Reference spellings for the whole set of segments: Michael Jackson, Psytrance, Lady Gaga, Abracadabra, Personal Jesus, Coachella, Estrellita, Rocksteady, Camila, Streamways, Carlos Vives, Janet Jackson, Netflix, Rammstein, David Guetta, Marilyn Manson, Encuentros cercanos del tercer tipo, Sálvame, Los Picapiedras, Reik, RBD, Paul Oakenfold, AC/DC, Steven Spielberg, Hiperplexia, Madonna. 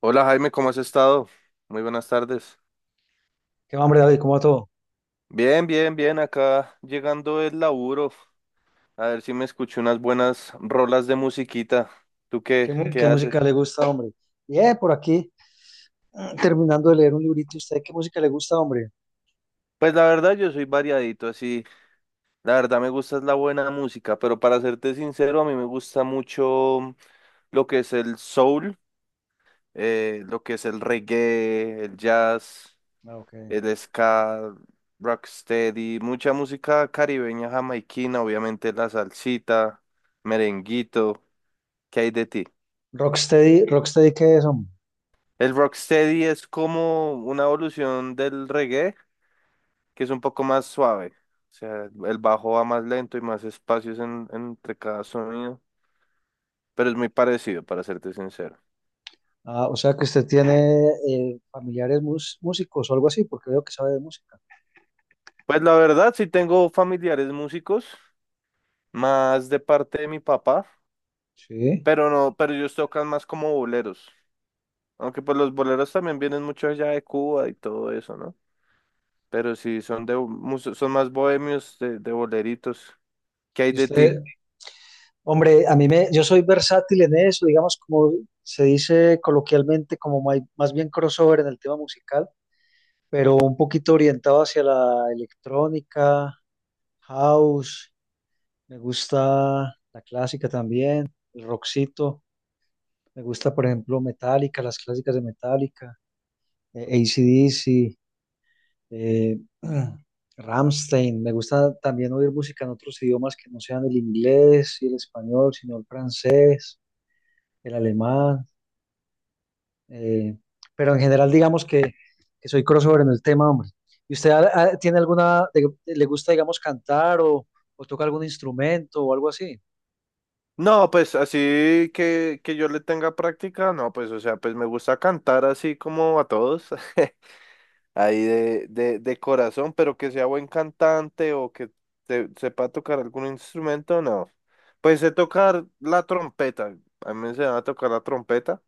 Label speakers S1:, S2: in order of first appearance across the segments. S1: Hola Jaime, ¿cómo has estado? Muy buenas tardes.
S2: ¿Qué va, hombre, David? ¿Cómo va todo?
S1: Bien, acá llegando el laburo. A ver si me escucho unas buenas rolas de musiquita. ¿Tú qué,
S2: ¿Qué,
S1: qué
S2: qué música
S1: haces?
S2: le gusta, hombre? Bien, por aquí, terminando de leer un librito. ¿Usted qué música le gusta, hombre?
S1: Pues la verdad yo soy variadito, así. La verdad me gusta es la buena música, pero para serte sincero, a mí me gusta mucho lo que es el soul, lo que es el reggae, el jazz.
S2: Ah, ok.
S1: El ska, rocksteady, mucha música caribeña, jamaiquina, obviamente la salsita, merenguito, ¿qué hay de ti?
S2: Rocksteady, Rocksteady, ¿qué es, hombre?
S1: El rocksteady es como una evolución del reggae, que es un poco más suave, o sea, el bajo va más lento y más espacios entre cada sonido, pero es muy parecido, para serte sincero.
S2: Ah, o sea que usted tiene familiares músicos o algo así, porque veo que sabe de música.
S1: Pues la verdad, sí tengo familiares músicos, más de parte de mi papá,
S2: Sí.
S1: pero no, pero ellos tocan más como boleros. Aunque pues los boleros también vienen mucho allá de Cuba y todo eso, ¿no? Pero sí, son más bohemios de boleritos. ¿Qué hay
S2: Y
S1: de ti?
S2: usted, hombre, yo soy versátil en eso, digamos, como se dice coloquialmente, como más bien crossover en el tema musical, pero un poquito orientado hacia la electrónica, house. Me gusta la clásica también, el rockcito. Me gusta, por ejemplo, Metallica, las clásicas de Metallica,
S1: Ujú.
S2: AC/DC, eh, Rammstein. Me gusta también oír música en otros idiomas que no sean el inglés y el español, sino el francés, el alemán. eh, pero en general, digamos que soy crossover en el tema, hombre. ¿Y usted tiene alguna, le gusta, digamos, cantar o toca algún instrumento o algo así?
S1: No, pues así que yo le tenga práctica, no, pues o sea, pues me gusta cantar así como a todos, ahí de corazón, pero que sea buen cantante o que sepa tocar algún instrumento, no. Pues sé tocar la trompeta, a mí me enseñaron a tocar la trompeta,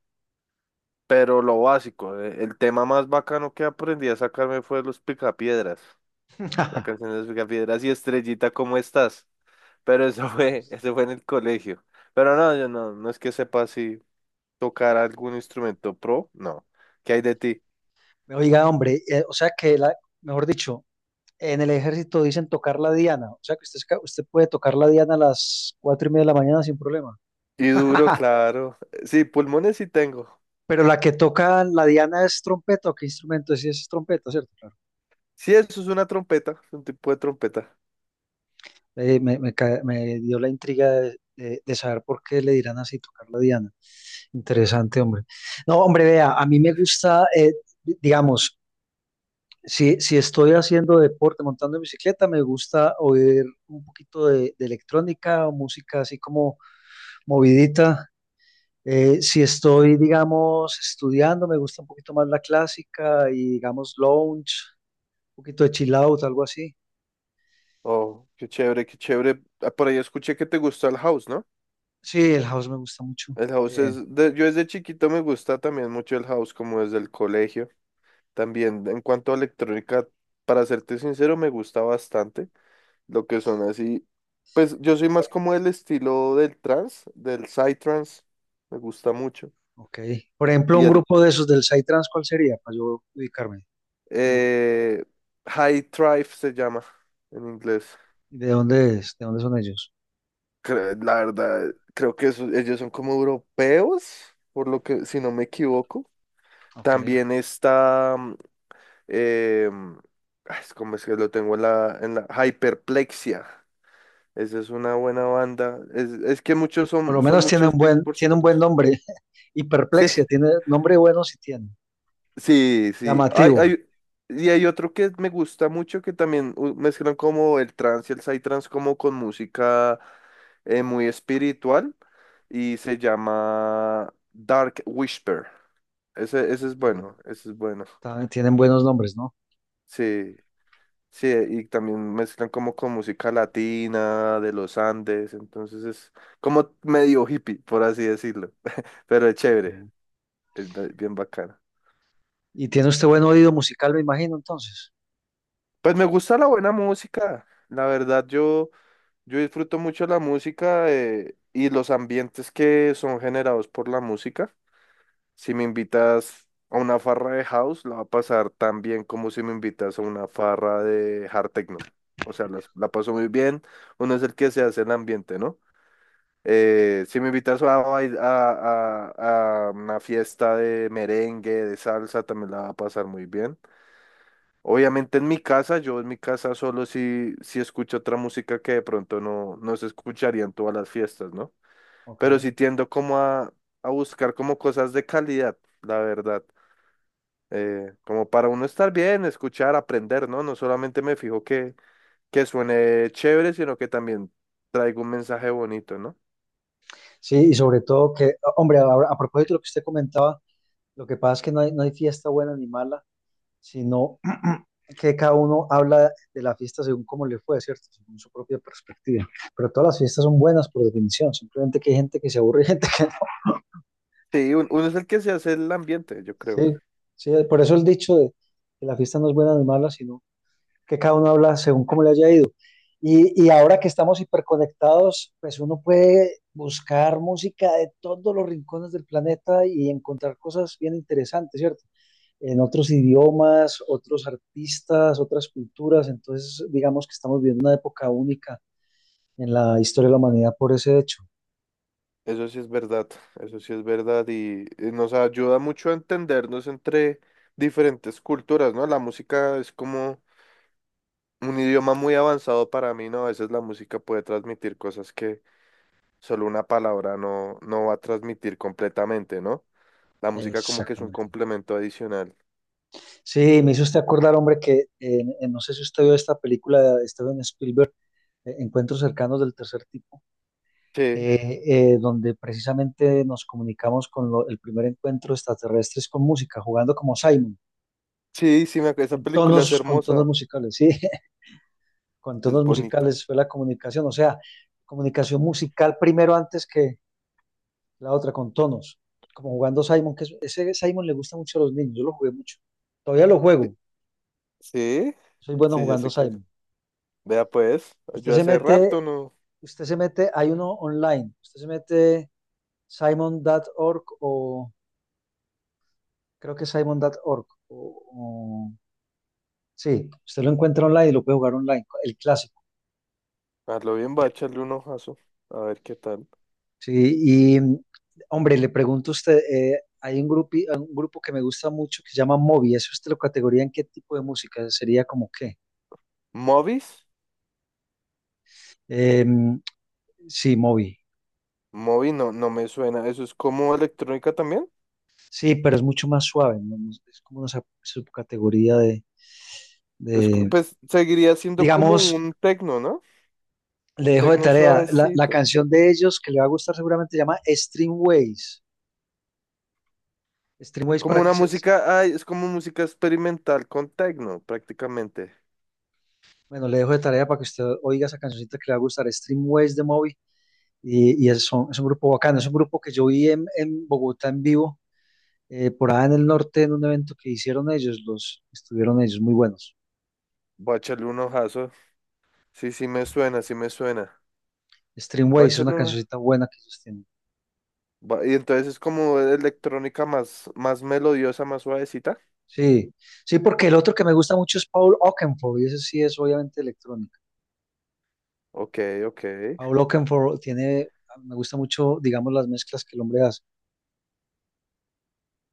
S1: pero lo básico. El tema más bacano que aprendí a sacarme fue Los Picapiedras, la canción de Los Picapiedras y Estrellita, ¿cómo estás? Pero eso fue, eso fue en el colegio. Pero no, yo no, no es que sepa si tocar algún instrumento pro, no. ¿Qué hay de ti?
S2: Oiga, hombre, o sea que, mejor dicho, en el ejército dicen tocar la diana, o sea que usted, usted puede tocar la diana a las 4:30 de la mañana sin problema.
S1: Y duro, claro. Sí, pulmones sí tengo.
S2: Pero la que toca la diana es trompeta, ¿o qué instrumento es? Sí, es trompeta, ¿cierto? Claro.
S1: Sí, eso es una trompeta, es un tipo de trompeta.
S2: Me dio la intriga de saber por qué le dirán así tocar la diana. Interesante, hombre. No, hombre, vea, a mí me gusta, digamos, si estoy haciendo deporte, montando en bicicleta, me gusta oír un poquito de electrónica o música así como movidita. Si estoy, digamos, estudiando, me gusta un poquito más la clásica y, digamos, lounge, un poquito de chill out, algo así.
S1: Oh, qué chévere, qué chévere. Ah, por ahí escuché que te gusta el house, ¿no?
S2: Sí, el house me gusta mucho.
S1: El house
S2: Eh,
S1: es, yo desde chiquito me gusta también mucho el house, como desde el colegio. También en cuanto a electrónica, para serte sincero, me gusta bastante lo que son así. Pues yo soy más como el estilo del trance, del psytrance, me gusta mucho.
S2: ok. Por ejemplo,
S1: Y
S2: un
S1: el
S2: grupo de esos del Psytrance, ¿cuál sería? Para yo ubicarme. Un grupo.
S1: eh, high thrive se llama en inglés.
S2: ¿De dónde es? ¿De dónde son ellos?
S1: La verdad, creo que ellos son como europeos, por lo que, si no me equivoco.
S2: Ok.
S1: También está, em, ay, ¿cómo es que lo tengo en la hyperplexia? Esa es una buena banda. Es que muchos
S2: Por
S1: son,
S2: lo
S1: son
S2: menos tiene
S1: muchos
S2: un
S1: beats
S2: buen,
S1: por
S2: tiene un buen
S1: segundos.
S2: nombre.
S1: Sí,
S2: Hiperplexia, tiene nombre bueno si tiene.
S1: sí, sí. Hay,
S2: Llamativo.
S1: hay, y hay otro que me gusta mucho que también mezclan como el trance y el psytrance como con música muy espiritual y se llama Dark Whisper. Ese es
S2: Ok,
S1: bueno, ese es bueno.
S2: Ta- Tienen buenos nombres, ¿no?
S1: Sí, sí, y también mezclan como con música latina de los Andes, entonces es como medio hippie, por así decirlo, pero es
S2: Ok.
S1: chévere. Es bien bacana.
S2: Y tiene usted buen oído musical, me imagino, entonces.
S1: Pues me gusta la buena música. La verdad, yo disfruto mucho la música, y los ambientes que son generados por la música. Si me invitas a una farra de house, la va a pasar tan bien como si me invitas a una farra de hard techno. O sea, la paso muy bien. Uno es el que se hace el ambiente, ¿no? Si me invitas a, a una fiesta de merengue, de salsa, también la va a pasar muy bien. Obviamente en mi casa, yo en mi casa solo si escucho otra música que de pronto no, no se escucharía en todas las fiestas, ¿no?
S2: Ok.
S1: Pero sí tiendo como a buscar como cosas de calidad, la verdad. Como para uno estar bien, escuchar, aprender, ¿no? No solamente me fijo que suene chévere, sino que también traiga un mensaje bonito, ¿no?
S2: Sí, y sobre todo que, hombre, ahora, a propósito de lo que usted comentaba, lo que pasa es que no hay fiesta buena ni mala, sino que cada uno habla de la fiesta según cómo le fue, ¿cierto? Según su propia perspectiva. Pero todas las fiestas son buenas por definición, simplemente que hay gente que se aburre y gente que no.
S1: Sí, uno es el que se hace el ambiente, yo creo.
S2: Sí, sí, por eso el dicho de que la fiesta no es buena ni mala, sino que cada uno habla según cómo le haya ido. Y ahora que estamos hiperconectados, pues uno puede buscar música de todos los rincones del planeta y encontrar cosas bien interesantes, ¿cierto? En otros idiomas, otros artistas, otras culturas. Entonces, digamos que estamos viviendo una época única en la historia de la humanidad por ese hecho.
S1: Eso sí es verdad, eso sí es verdad, y nos ayuda mucho a entendernos entre diferentes culturas, ¿no? La música es como un idioma muy avanzado para mí, ¿no? A veces la música puede transmitir cosas que solo una palabra no, no va a transmitir completamente, ¿no? La música como que es un
S2: Exactamente.
S1: complemento adicional.
S2: Sí, me hizo usted acordar, hombre, que no sé si usted vio esta película de Steven Spielberg, Encuentros cercanos del tercer tipo.
S1: Sí,
S2: eh, Donde precisamente nos comunicamos con el primer encuentro de extraterrestres con música, jugando como Simon,
S1: sí, sí, me acuerdo, esa
S2: con
S1: película
S2: tonos,
S1: es
S2: con tonos
S1: hermosa,
S2: musicales, sí, con
S1: es
S2: tonos
S1: bonita.
S2: musicales fue la comunicación, o sea, comunicación musical primero antes que la otra, con tonos, como jugando Simon, ese Simon le gusta mucho a los niños, yo lo jugué mucho, todavía lo
S1: Sí,
S2: juego,
S1: sí,
S2: soy bueno
S1: sí, ya
S2: jugando
S1: sé cuál.
S2: Simon.
S1: Vea pues,
S2: Usted
S1: yo
S2: se
S1: hace
S2: mete,
S1: rato no,
S2: usted se mete, hay uno online, usted se mete Simon punto org o creo que Simon simon.org o, sí, usted lo encuentra online y lo puede jugar online, el clásico.
S1: a lo bien va a echarle un ojazo, a ver qué tal.
S2: Sí, y hombre, le pregunto a usted, hay un grupo que me gusta mucho que se llama Moby, ¿eso usted lo categoría en qué tipo de música? ¿Sería como qué?
S1: ¿Movies?
S2: Em, sí, Moby.
S1: Movies no, no me suena. ¿Eso es como electrónica también?
S2: Sí, pero es mucho más suave, ¿no? No. Es como una subcategoría de-
S1: Pues seguiría siendo como
S2: digamos,
S1: un tecno, ¿no? Un
S2: le dejo de
S1: tecno
S2: tarea, la
S1: suavecito.
S2: canción de ellos que le va a gustar seguramente se llama Streamways. Streamways
S1: Como
S2: para
S1: una
S2: que se...
S1: música, ay, es como música experimental con tecno, prácticamente.
S2: Bueno, le dejo de tarea para que usted oiga esa cancioncita que le va a gustar, Streamways de Moby. Y es un grupo bacano, es un grupo que yo vi en, Bogotá en vivo, por allá en el norte, en un evento que hicieron ellos, los estuvieron ellos, muy buenos.
S1: Voy a echarle un ojazo. Sí, sí me suena, sí me suena. Voy
S2: Streamways
S1: a
S2: es una
S1: echarle una.
S2: cancioncita buena que ellos tienen.
S1: Y entonces es como electrónica más, más melodiosa, más suavecita.
S2: Sí, sí, porque el otro que me gusta mucho es Paul Oakenfold, y ese sí es obviamente electrónica.
S1: Ok, ok.
S2: Paul Oakenfold tiene, me gusta mucho, digamos, las mezclas que el hombre hace.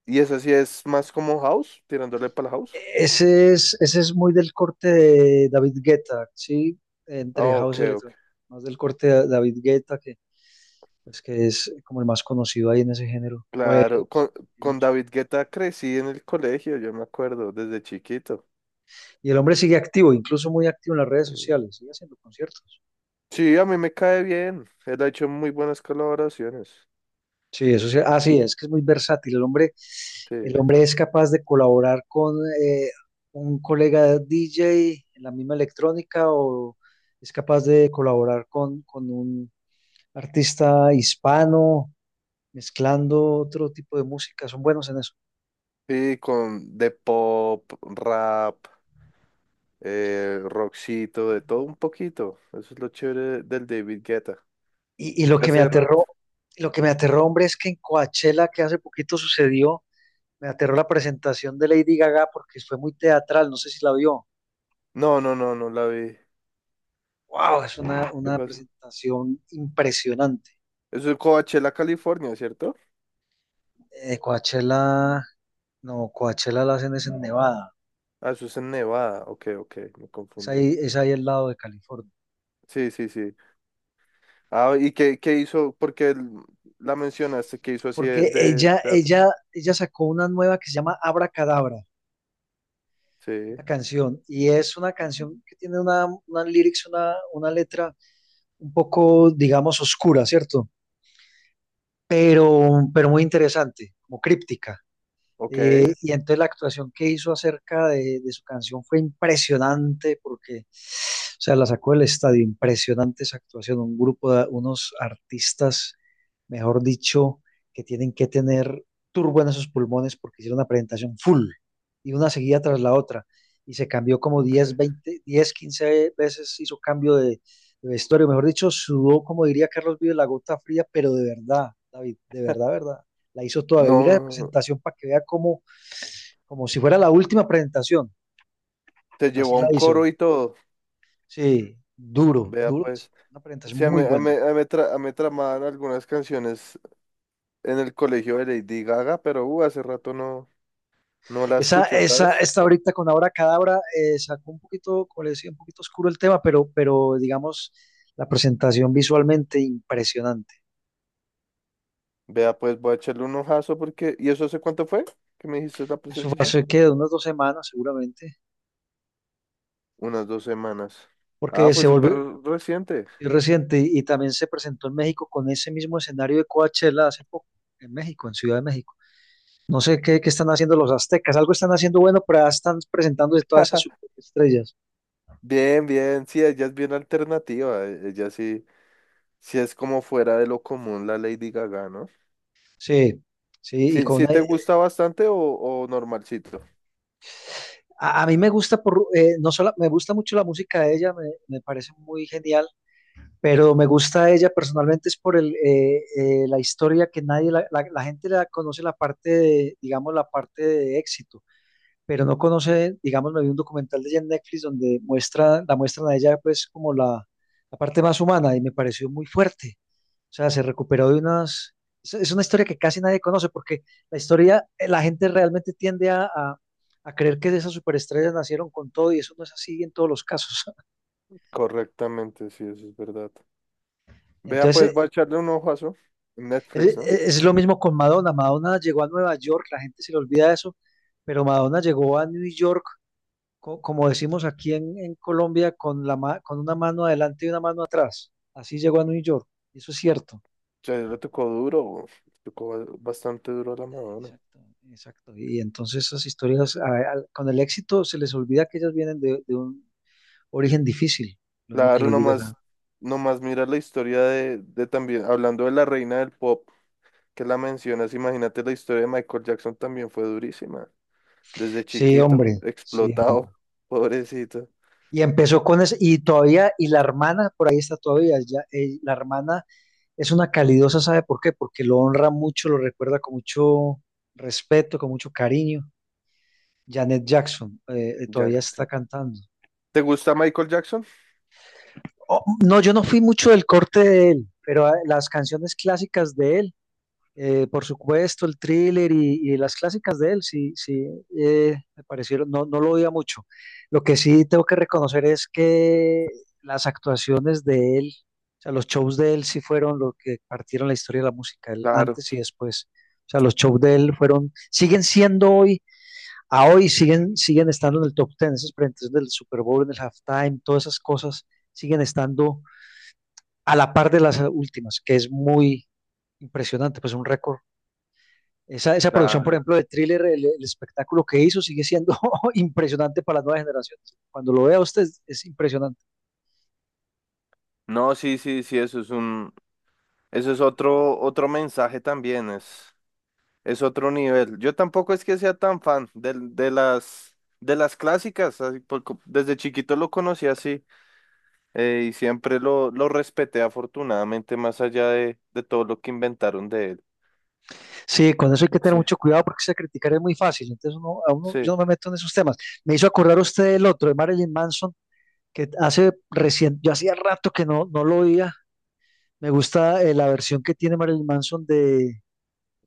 S1: Y esa sí es más como house, tirándole para la house.
S2: Ese es muy del corte de David Guetta, sí, entre
S1: Ah,
S2: house
S1: ok,
S2: y
S1: ok.
S2: electrónica, más del corte de David Guetta que pues que es como el más conocido ahí en ese género. O era,
S1: Claro,
S2: hay
S1: con
S2: muchos.
S1: David Guetta crecí en el colegio, yo me acuerdo, desde chiquito.
S2: Y el hombre sigue activo, incluso muy activo en las redes
S1: Sí,
S2: sociales, sigue haciendo conciertos.
S1: sí, a mí me cae bien. Él ha hecho muy buenas colaboraciones.
S2: Sí, eso sí, sí, es que es muy versátil. El hombre,
S1: Sí.
S2: el hombre es capaz de colaborar con eh, un colega DJ en la misma electrónica o es capaz de colaborar con un artista hispano, mezclando otro tipo de música. Son buenos en eso.
S1: Sí, con de pop, rap, rockcito, de todo un poquito. Eso es lo chévere del David Guetta.
S2: Y lo
S1: ¿Qué
S2: que me Claro.
S1: hace rato?
S2: Lo que me aterró, hombre, es que en Coachella, que hace poquito sucedió, me aterró la presentación de Lady Gaga porque fue muy teatral, no sé si la vio.
S1: No, no, no, no la vi.
S2: Wow, es una,
S1: ¿Qué
S2: una
S1: pasó?
S2: presentación impresionante.
S1: Eso es Coachella, California, ¿cierto?
S2: Coachella, no, Coachella la hacen es en Nevada,
S1: Ah, eso es en Nevada. Ok, ok, me
S2: es
S1: confundí.
S2: ahí, es ahí al lado de California.
S1: Sí, sí, sí. Ah, ¿y qué hizo? Porque la mencionaste, ¿qué hizo así
S2: Porque
S1: de
S2: ella,
S1: teatro?
S2: ella, ella sacó una nueva que se llama Abracadabra,
S1: Sí,
S2: una canción, y es una canción que tiene una lyrics, una letra un poco, digamos, oscura, ¿cierto? Pero muy interesante, como críptica.
S1: ok,
S2: Y entonces la actuación que hizo acerca de su canción fue impresionante porque, o sea, la sacó del estadio, impresionante esa actuación, un grupo de unos artistas, mejor dicho, que tienen que tener turbo en sus pulmones porque hicieron una presentación full y una seguida tras la otra y se cambió como 10,
S1: ok.
S2: 20, 10, 15 veces, hizo cambio de vestuario, mejor dicho, sudó, como diría Carlos Vives, la gota fría, pero de verdad, David, de verdad, verdad la hizo toda, vi la
S1: No,
S2: presentación para que vea como si fuera la última presentación,
S1: te
S2: así
S1: llevó a
S2: la
S1: un
S2: hizo.
S1: coro y todo.
S2: Sí, duro,
S1: Vea
S2: duro, es
S1: pues.
S2: una presentación
S1: Sí,
S2: muy buena.
S1: a mí tramaban algunas canciones en el colegio de Lady Gaga, pero hace rato no, no la escucho, ¿sabes?
S2: Esta ahorita con Ahora Cadabra sacó un poquito, como le decía, un poquito oscuro el tema, pero digamos, la presentación visualmente impresionante.
S1: Vea pues, voy a echarle un ojazo porque... ¿Y eso hace cuánto fue que me dijiste la
S2: Eso fue
S1: presentación?
S2: hace que de unas 2 semanas seguramente,
S1: Unas dos semanas. Ah,
S2: porque
S1: fue
S2: se
S1: súper
S2: volvió
S1: reciente.
S2: sí, reciente y también se presentó en México con ese mismo escenario de Coachella hace poco, en México, en Ciudad de México. No sé qué están haciendo los aztecas, algo están haciendo bueno, pero ya están presentándose todas esas estrellas.
S1: Bien, bien, sí, ella es bien alternativa, ella sí. Si es como fuera de lo común la Lady Gaga, ¿no?
S2: Sí, sí, y
S1: Sí, sí te gusta bastante o normalcito.
S2: a mí me gusta por no solo me gusta mucho la música de ella, me parece muy genial, pero me gusta ella personalmente es por la historia que nadie la gente la conoce la parte de, digamos la parte de éxito, pero no conoce, digamos, me vi un documental de ella en Netflix donde muestra, la muestran a ella pues como la parte más humana y me pareció muy fuerte. O sea, se recuperó de unas... Es una historia que casi nadie conoce porque la historia, la gente realmente tiende a creer que esas superestrellas nacieron con todo y eso no es así en todos los casos.
S1: Correctamente, sí, eso es verdad. Vea, pues
S2: Entonces,
S1: voy a echarle un ojazo en Netflix, ¿no?
S2: es lo mismo con Madonna. Madonna llegó a Nueva York, la gente se le olvida eso, pero Madonna llegó a New York como decimos aquí en, Colombia, con una mano adelante y una mano atrás. Así llegó a New York. Eso es cierto.
S1: Ya le tocó duro, bastante duro a la Madonna.
S2: Exacto, exacto. Y entonces esas historias, con el éxito, se les olvida que ellas vienen de un origen difícil. Lo mismo que
S1: Claro,
S2: le digo acá.
S1: nomás mira la historia de también, hablando de la reina del pop, que la mencionas, imagínate la historia de Michael Jackson también fue durísima. Desde
S2: Sí,
S1: chiquito,
S2: hombre, sí, hombre.
S1: explotado, pobrecito.
S2: Y empezó con eso, y todavía, y la hermana por ahí está todavía, ya, la hermana es una calidosa, ¿sabe por qué? Porque lo honra mucho, lo recuerda con mucho respeto, con mucho cariño. Janet Jackson
S1: Ya
S2: todavía
S1: no, ya
S2: está
S1: no.
S2: cantando.
S1: ¿Te gusta Michael Jackson?
S2: Oh, no, yo no fui mucho del corte de él, pero las canciones clásicas de él, por supuesto, el thriller y las clásicas de él, sí, sí, me parecieron, no lo oía mucho. Lo que sí tengo que reconocer es que las actuaciones de él, o sea, los shows de él sí fueron lo que partieron la historia de la música, el
S1: Claro.
S2: antes y después. O sea, los shows de él fueron, siguen siendo hoy a hoy siguen estando en el top 10, esas presentaciones del Super Bowl, en el halftime, todas esas cosas siguen estando a la par de las últimas, que es muy impresionante, pues un récord. Esa producción, por
S1: Claro.
S2: ejemplo, de Thriller, el espectáculo que hizo sigue siendo impresionante para las nuevas generaciones. Cuando lo vea usted es impresionante.
S1: No, sí, sí, sí, eso eso es otro, otro mensaje también, es otro nivel. Yo tampoco es que sea tan fan de las clásicas, así, desde chiquito lo conocí así, y siempre lo respeté afortunadamente, más allá de todo lo que inventaron de él.
S2: Sí, con eso hay que tener
S1: Sí,
S2: mucho cuidado porque se criticar es muy fácil. Entonces uno, a uno,
S1: sí.
S2: yo no me meto en esos temas. Me hizo acordar usted el otro, de Marilyn Manson, que hace recién, yo hacía rato que no lo oía, me gusta la versión que tiene Marilyn Manson de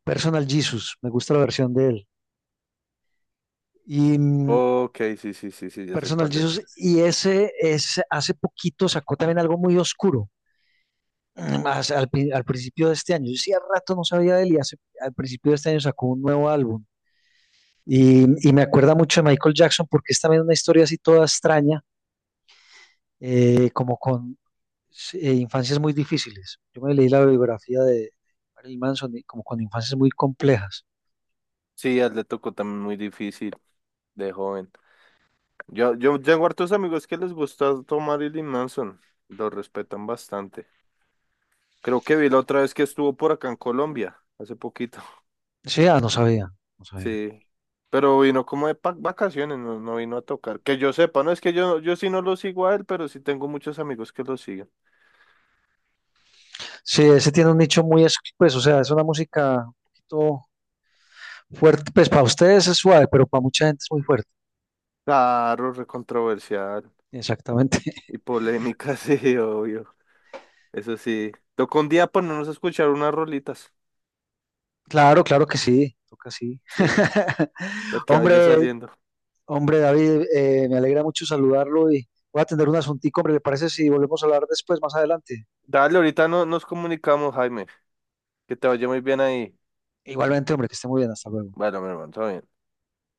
S2: Personal Jesus. Me gusta la versión de él. Y
S1: Ok, sí, sí, sí, sí, ya sé
S2: Personal
S1: cuál es.
S2: Jesus, y ese es, hace poquito sacó también algo muy oscuro. Más al principio de este año. Yo sí, al rato no sabía de él y hace, al principio de este año sacó un nuevo álbum. Y me acuerda mucho de Michael Jackson porque es también una historia así toda extraña, como con sí, infancias muy difíciles. Yo me leí la biografía de Marilyn Manson y como con infancias muy complejas.
S1: Sí, a él le tocó también muy difícil de joven. Yo tengo hartos amigos que les gusta tomar Marilyn Manson, lo respetan bastante. Creo que vi la otra vez que estuvo por acá en Colombia, hace poquito.
S2: Sí, no sabía, no sabía.
S1: Sí. Pero vino como vacaciones, no, no vino a tocar. Que yo sepa, no es que yo sí no lo sigo a él, pero sí tengo muchos amigos que lo siguen.
S2: Sí, ese tiene un nicho muy, pues, o sea, es una música un poquito fuerte, pues para ustedes es suave, pero para mucha gente es muy fuerte.
S1: Claro, recontroversial
S2: Exactamente.
S1: y polémica, sí, obvio. Eso sí. Toca un día ponernos a escuchar unas rolitas.
S2: Claro, claro que sí, toca sí.
S1: Sí, lo que vaya
S2: Hombre,
S1: saliendo.
S2: hombre, David, me alegra mucho saludarlo y voy a atender un asuntico, hombre, ¿le parece si volvemos a hablar después, más adelante?
S1: Dale, ahorita no, nos comunicamos, Jaime. Que te vaya muy bien ahí.
S2: Igualmente, hombre, que esté muy bien, hasta luego.
S1: Bueno, mi hermano, todo bien.